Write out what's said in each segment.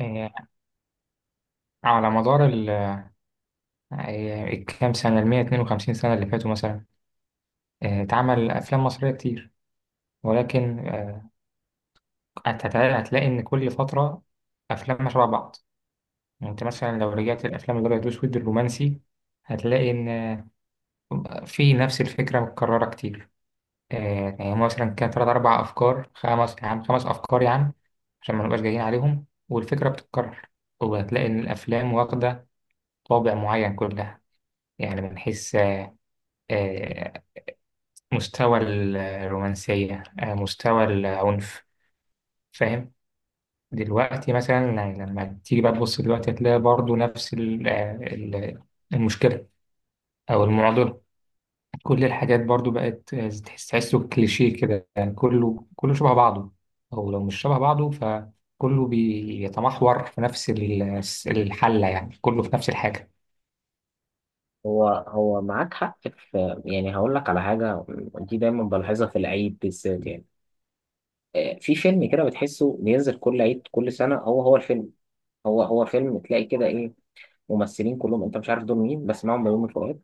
آه، على مدار ال آه، الكام سنة 152 سنة اللي فاتوا مثلا. اتعمل أفلام مصرية كتير، ولكن هتلاقي إن كل فترة أفلام شبه بعض. يعني أنت مثلا لو رجعت الأفلام الأبيض وأسود الرومانسي هتلاقي إن في نفس الفكرة متكررة كتير. يعني مثلا كان تلات أربع أفكار خمس يا عم، خمس أفكار يا عم، عشان ما نبقاش جايين عليهم والفكرة بتتكرر. وهتلاقي إن الأفلام واخدة طابع معين كلها. يعني بنحس مستوى الرومانسية، مستوى العنف، فاهم؟ دلوقتي مثلا يعني لما تيجي بقى تبص دلوقتي هتلاقي برضو نفس المشكلة أو المعضلة. كل الحاجات برضو بقت تحسه كليشيه كده. يعني كله شبه بعضه، أو لو مش شبه بعضه فكله بيتمحور في نفس الحلة. يعني كله في نفس الحاجة. هو معاك حق في، يعني هقول لك على حاجة. دي دايما بلاحظها في العيد بالذات، يعني في فيلم كده بتحسه بينزل كل عيد، كل سنة هو الفيلم. هو فيلم، تلاقي كده إيه؟ ممثلين كلهم أنت مش عارف دول مين، بس معاهم بيومي فؤاد.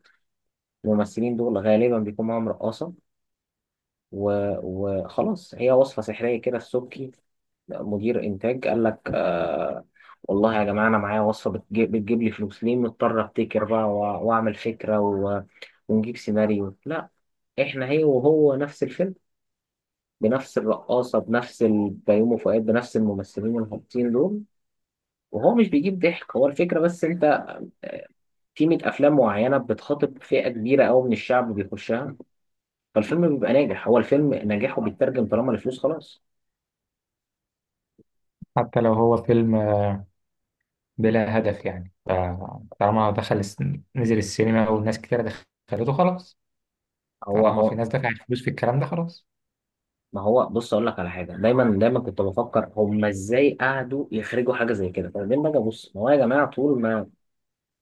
الممثلين دول غالبا بيكون معاهم رقاصة وخلاص، هي وصفة سحرية كده. السبكي مدير إنتاج قال لك آه والله يا جماعة، أنا معايا وصفة بتجيب لي فلوس، ليه مضطر أبتكر بقى وأعمل فكرة ونجيب سيناريو؟ لا، احنا هي وهو نفس الفيلم. بنفس الرقاصه، بنفس بيومي فؤاد، بنفس الممثلين الهابطين دول. وهو مش بيجيب ضحك، هو الفكره بس. انت آه، في 100 افلام معينه بتخاطب فئه كبيره قوي من الشعب بيخشها. فالفيلم بيبقى ناجح، هو الفيلم نجاحه بيترجم طالما الفلوس. خلاص حتى لو هو فيلم بلا هدف، يعني فطالما نزل السينما والناس كتير دخلته، خلاص. هو طالما في هو ناس دفعت فلوس في الكلام ده، خلاص. ما هو بص، اقول لك على حاجه. دايما دايما كنت بفكر هم ازاي قعدوا يخرجوا حاجه زي كده، فبعدين باجي ابص، ما هو يا جماعه طول ما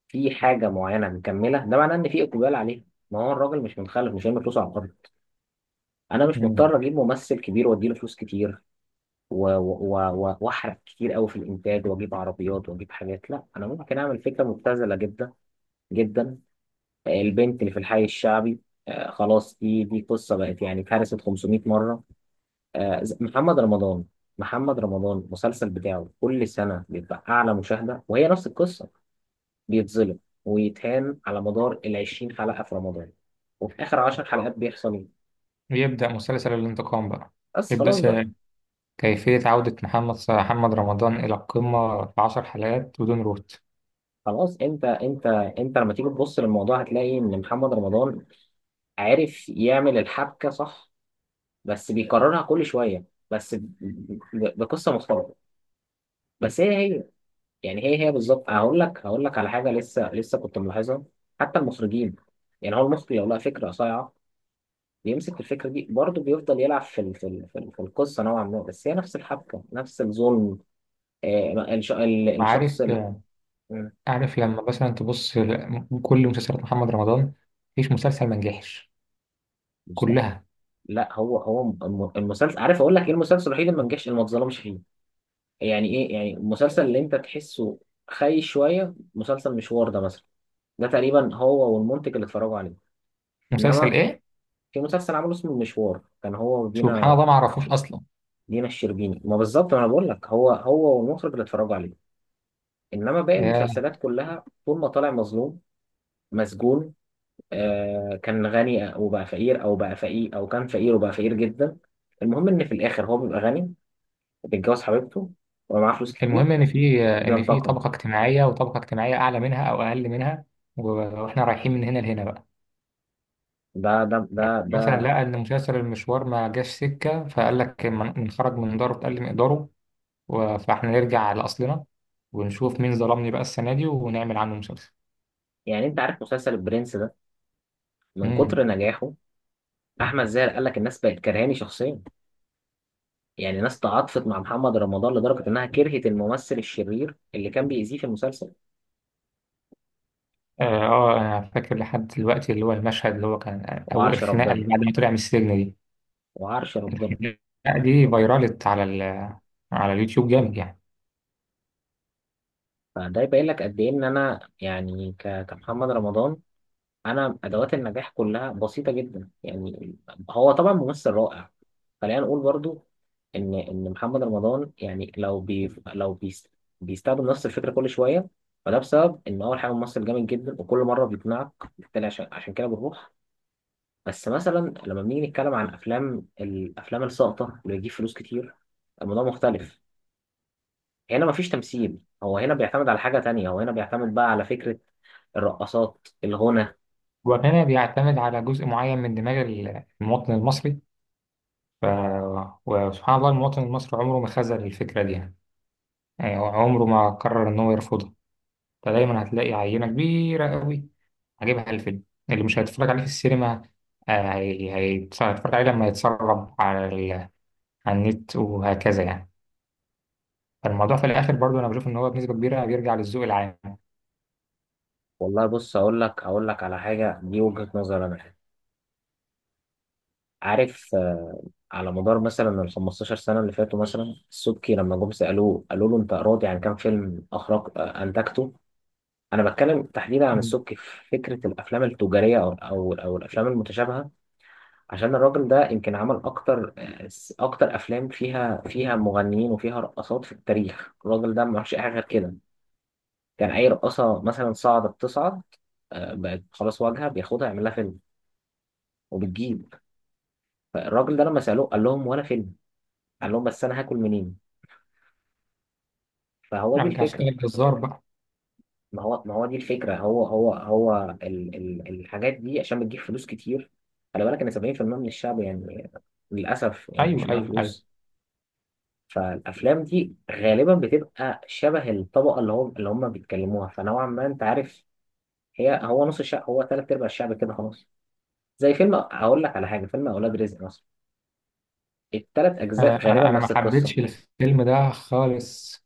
في حاجه معينه مكمله، ده معناه ان في اقبال عليها. ما هو الراجل مش متخلف، مش هيعمل فلوس على الأرض. انا مش مم. مضطر اجيب ممثل كبير واديله فلوس كتير واحرق كتير قوي في الانتاج، واجيب عربيات واجيب حاجات. لا، انا ممكن اعمل فكره مبتذله جدا جدا. البنت اللي في الحي الشعبي. خلاص دي قصه بقت يعني اتهرست 500 مره. محمد رمضان. محمد رمضان المسلسل بتاعه كل سنه بيبقى اعلى مشاهده، وهي نفس القصه. بيتظلم ويتهان على مدار ال 20 حلقه في رمضان، وفي اخر 10 حلقات بيحصل ايه؟ يبدأ مسلسل الانتقام بقى. بس يبدأ خلاص س- بقى. كيفية عودة محمد رمضان إلى القمة في 10 حلقات بدون روت. خلاص. انت انت لما تيجي تبص للموضوع هتلاقي ان محمد رمضان عارف يعمل الحبكه صح، بس بيكررها كل شويه، بس ب- بقصه مختلفه. بس هي. يعني هي بالظبط. هقول لك على حاجه لسه لسه كنت ملاحظها. حتى المخرجين، يعني هو المخرج لو لقى فكره صايعه بيمسك الفكره دي برضه، بيفضل يلعب في القصه نوعا ما، بس هي نفس الحبكه، نفس الظلم. عارف، الشخص عارف لما مثلا كل مسلسلات محمد رمضان، مفيش مسلسل ما نجحش، مم، كلها. لا، هو المسلسل. عارف اقول لك ايه المسلسل الوحيد اللي ما نجحش، اللي ما اتظلمش فيه؟ يعني ايه يعني؟ المسلسل اللي انت تحسه خايش شويه. مسلسل مشوار ده مثلا، ده تقريبا هو والمنتج اللي اتفرجوا عليه. مسلسل انما إيه؟ في مسلسل عمله اسمه مشوار كان هو سبحان ودينا، الله، ما عرفوش أصلا. دينا الشربيني. ما بالظبط، ما انا بقول لك هو والمخرج اللي اتفرجوا عليه. انما باقي آه، المسلسلات كلها طول ما طالع مظلوم، مسجون، كان غني وبقى فقير، او بقى فقير، او كان فقير وبقى فقير جدا. المهم ان في الاخر هو بيبقى غني، بيتجوز حبيبته، ويبقى معاه فلوس المهم كتير، إن في، إن في وبينتقم. طبقة اجتماعية وطبقة اجتماعية أعلى منها أو أقل منها، و- وإحنا رايحين من هنا لهنا بقى. ده ده ده يعني مثلا ده لقى ان مسلسل المشوار ما جاش سكه، فقال لك نخرج من داره تقل مقداره، فاحنا نرجع لاصلنا ونشوف مين ظلمني بقى السنه دي ونعمل عنه مسلسل. يعني انت عارف مسلسل البرنس ده؟ من كتر امم. نجاحه، احمد زاهر قال لك الناس بقت كرهاني شخصيا. يعني ناس تعاطفت مع محمد رمضان لدرجه انها كرهت الممثل الشرير اللي كان بيأذيه في المسلسل. انا فاكر لحد دلوقتي اللي هو المشهد اللي هو كان او وعرش الخناقه اللي ربنا، بعد ما طلع من السجن دي. وعرش ربنا. الخناقه دي فيرالت على اليوتيوب جامد يعني. فده يبين لك قد ايه. ان انا يعني كمحمد رمضان، انا ادوات النجاح كلها بسيطه جدا يعني. هو طبعا ممثل رائع، خلينا نقول برضو ان محمد رمضان يعني لو بيستخدم نفس الفكره كل شويه. فده بسبب ان اول حاجه ممثل جامد جدا، وكل مره بيقنعك. بالتالي عشان كده بنروح. بس مثلا لما بنيجي نتكلم عن الافلام الساقطه اللي بتجيب فلوس كتير، الموضوع مختلف. هنا مفيش تمثيل، هو هنا بيعتمد على حاجه تانية. هو هنا بيعتمد بقى على فكره، الرقصات، الغنى. وهنا بيعتمد على جزء معين من دماغ المواطن المصري، ف... وسبحان الله المواطن المصري عمره ما خذل الفكره دي يعني. يعني هو عمره ما قرر ان هو يرفضها. فدايما هتلاقي عينة كبيرة قوي هجيبها الفيلم اللي مش هيتفرج عليه في السينما. هيتفرج عليه لما يتسرب على النت وهكذا يعني. فالموضوع في الآخر برضو أنا بشوف إن هو بنسبة كبيرة بيرجع للذوق العام. والله بص، اقول لك على حاجه، دي وجهه نظر انا يعني. عارف، على مدار مثلا ال 15 سنه اللي فاتوا مثلا، السبكي لما جم سالوه قالوا له انت راضي عن كام فيلم اخرج آه، انتجته؟ انا بتكلم تحديدا عن مم. السبكي في فكره الافلام التجاريه او الافلام المتشابهه. عشان الراجل ده يمكن عمل اكتر افلام فيها مغنيين وفيها رقصات في التاريخ. الراجل ده ما عملش اي حاجه غير كده. كان اي رقصه مثلا تصعد، بقت خلاص واجهه، بياخدها يعمل لها فيلم، وبتجيب. فالراجل ده لما سألوه قال لهم ولا فيلم، قال لهم بس انا هاكل منين؟ فهو دي أرجع الفكرة. أشتغل جزار بقى. ما هو دي الفكرة، هو ال الحاجات دي عشان بتجيب فلوس كتير. خلي بالك ان 70% من الشعب يعني، للأسف يعني، مش أيوه، معاه أيوه، أيوه. فلوس. فالأفلام دي غالبا بتبقى شبه الطبقة اللي هم بيتكلموها، فنوعا ما انت عارف. هو نص الشعب، هو تلات أرباع الشعب كده خلاص. زي فيلم، أقول لك على حاجة، فيلم أولاد رزق مثلا، التلات أجزاء غالبا أنا ما نفس القصة. حبيتش الفيلم ده خالص.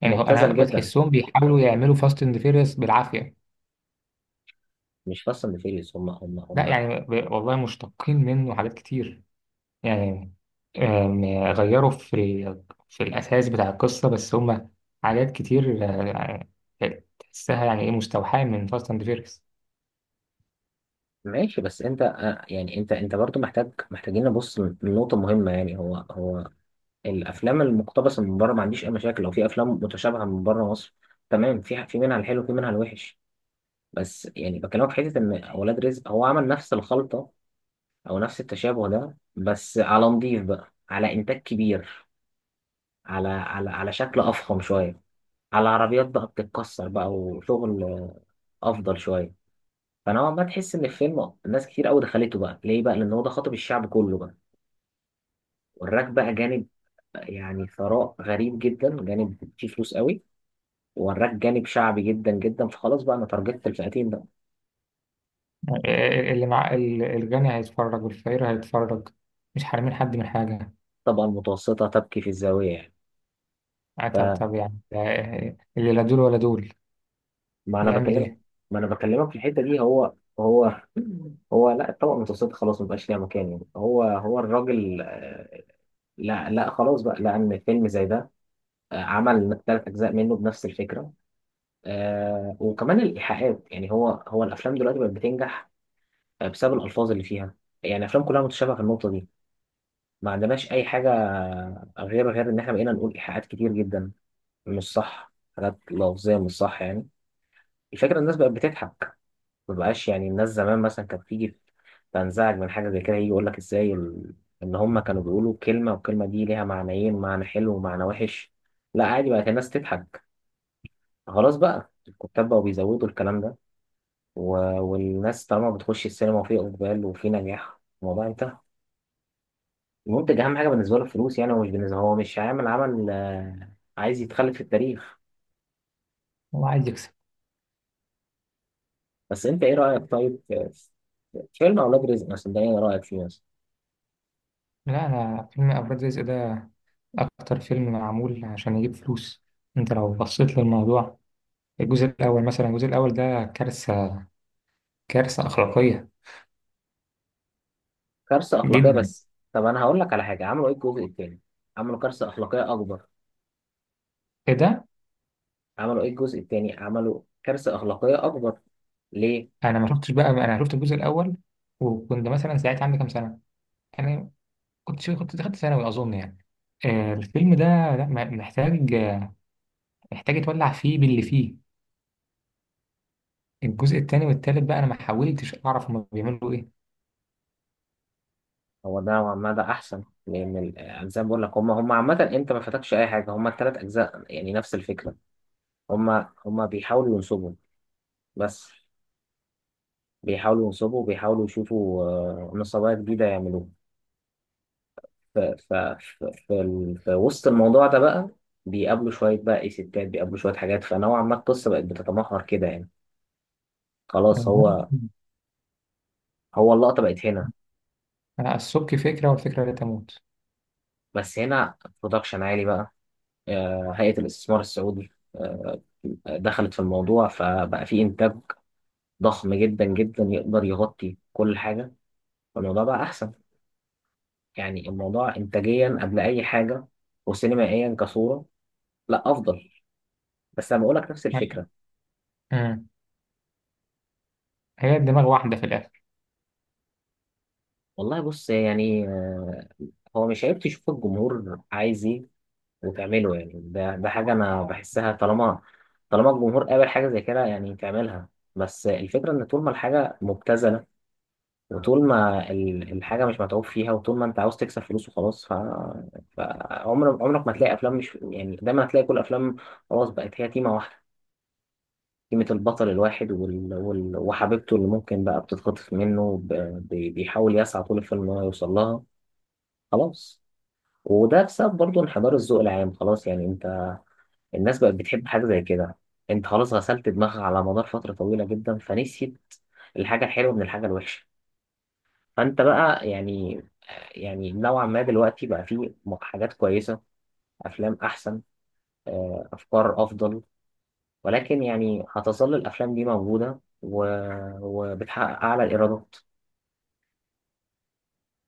يعني هو أنا مبتذل جدا. بتحسهم بيحاولوا يعملوا فاست أند فيريوس بالعافية. مش فاصل فيريس. هم هم لا هم يعني والله مشتقين منه حاجات كتير يعني. آم، غيروا في في الأساس بتاع القصة، بس هما حاجات كتير، تحسها يعني إيه، مستوحاة من فاست أند فيريس. ماشي. بس انت يعني انت برضو محتاجين نبص لنقطة مهمة، يعني هو الافلام المقتبسة من بره ما عنديش اي مشاكل، لو في افلام متشابهة من بره مصر، تمام. في منها الحلو، في منها الوحش. بس يعني بكلمك في حتة ان اولاد رزق هو عمل نفس الخلطة، او نفس التشابه ده، بس على نضيف بقى، على انتاج كبير، على شكل افخم شوية، على عربيات بقى بتتكسر بقى وشغل افضل شوية. فنوعا ما تحس ان الفيلم ناس كتير قوي دخلته بقى، ليه بقى؟ لان هو ده خاطب الشعب كله بقى. وراك بقى جانب، يعني ثراء غريب جدا، جانب فيه فلوس قوي. وراك جانب شعبي جدا جدا. فخلاص بقى انا تارجتت الفئتين بقى. اللي مع الغني هيتفرج، والفقير هيتفرج، مش حارمين حد من حاجة. الطبقه المتوسطه تبكي في الزاويه يعني. آه، طب فما طب يعني آه، آه، اللي لا دول ولا دول انا يعمل بكلمك، إيه؟ ما انا بكلمك في الحته دي. هو هو هو. لا، الطبقه المتوسطه خلاص ما بقاش ليها مكان يعني. هو الراجل، لا لا خلاص بقى، لان فيلم زي ده عمل ثلاث اجزاء منه بنفس الفكره. وكمان الايحاءات. يعني هو الافلام دلوقتي بقت بتنجح بسبب الألفاظ اللي فيها. يعني الأفلام كلها متشابهة في النقطة دي، ما عندناش أي حاجة غير إن إحنا بقينا نقول إيحاءات كتير جدا، مش صح، حاجات لفظية، مش صح يعني. الفكرة الناس بقت بتضحك. ما بقاش، يعني الناس زمان مثلا كانت تيجي تنزعج من حاجة زي كده، يجي يقول لك إزاي إن هما كانوا بيقولوا كلمة، والكلمة دي ليها معنيين، معنى حلو ومعنى وحش. لا، عادي بقت الناس تضحك، خلاص بقى الكتاب بقوا بيزودوا الكلام ده و... والناس طالما بتخش السينما وفي إقبال وفي نجاح، الموضوع انتهى. المنتج اهم حاجه بالنسبه له الفلوس يعني، هو مش بالنسبه، هو مش هيعمل عمل عايز يتخلد في التاريخ. هو عايز يكسب. بس انت ايه رايك طيب في فيلم اولاد رزق مثلا ده، ايه رايك فيه مثلا؟ لا، أنا فيلم أفراد رزق ده أكتر فيلم معمول عشان يجيب فلوس. أنت لو بصيت للموضوع، الجزء الأول مثلا، الجزء الأول ده كارثة، كارثة أخلاقية كارثه اخلاقيه. جدا بس طب انا هقول لك على حاجه، عملوا ايه الجزء الثاني؟ عملوا كارثه اخلاقيه اكبر. كده. عملوا ايه الجزء الثاني؟ عملوا كارثه اخلاقيه اكبر. ليه؟ انا ما شفتش بقى، انا شفت الجزء الاول وكنت مثلا ساعتها عندي كام سنه، انا كنت شو كنت دخلت ثانوي اظن يعني. الفيلم ده لا محتاج، محتاج يتولع فيه باللي فيه. الجزء الثاني والثالث بقى انا ما حاولتش اعرف هم بيعملوا ايه. هو ده نوعاً ما ده احسن، لان زي ما بقول لك هم عامه انت ما فاتكش اي حاجه، هم الثلاث اجزاء يعني نفس الفكره. هم هم بيحاولوا ينصبوا، بس بيحاولوا ينصبوا وبيحاولوا يشوفوا نصابات جديدة يعملوها. في وسط الموضوع ده بقى، بيقابلوا شوية بقى إيه ستات، بيقابلوا شوية حاجات، فنوعا ما القصة بقت بتتمحور كده يعني. خلاص أها. هو اللقطة بقت هنا. السبك فكره، والفكره لا تموت. بس هنا برودكشن عالي بقى، هيئة الاستثمار السعودي دخلت في الموضوع، فبقى في إنتاج ضخم جدا جدا يقدر يغطي كل حاجة. فالموضوع بقى أحسن، يعني الموضوع إنتاجيا قبل أي حاجة، وسينمائيا كصورة، لا أفضل. بس انا بقول لك نفس أيوة. الفكره. أمم. هي دماغ واحده في الاخر. والله بص، يعني هو مش عيب تشوف الجمهور عايز ايه وتعمله يعني. ده حاجه انا بحسها، طالما طالما الجمهور قابل حاجه زي كده يعني تعملها. بس الفكره ان طول ما الحاجه مبتذله، وطول ما الحاجه مش متعوب فيها، وطول ما انت عاوز تكسب فلوس وخلاص. فعمرك ما تلاقي افلام، مش يعني، دايما هتلاقي كل افلام خلاص بقت هي تيمه واحده. قيمة البطل الواحد وحبيبته اللي ممكن بقى بتتخطف منه، بيحاول يسعى طول الفيلم إن هو يوصل لها. خلاص. وده بسبب برضه انحدار الذوق العام. خلاص يعني، أنت الناس بقت بتحب حاجة زي كده، أنت خلاص غسلت دماغها على مدار فترة طويلة جدا فنسيت الحاجة الحلوة من الحاجة الوحشة. فأنت بقى يعني، يعني نوعا ما دلوقتي بقى فيه حاجات كويسة، أفلام أحسن، أفكار أفضل. ولكن يعني هتظل الأفلام دي موجودة وبتحقق أعلى الإيرادات.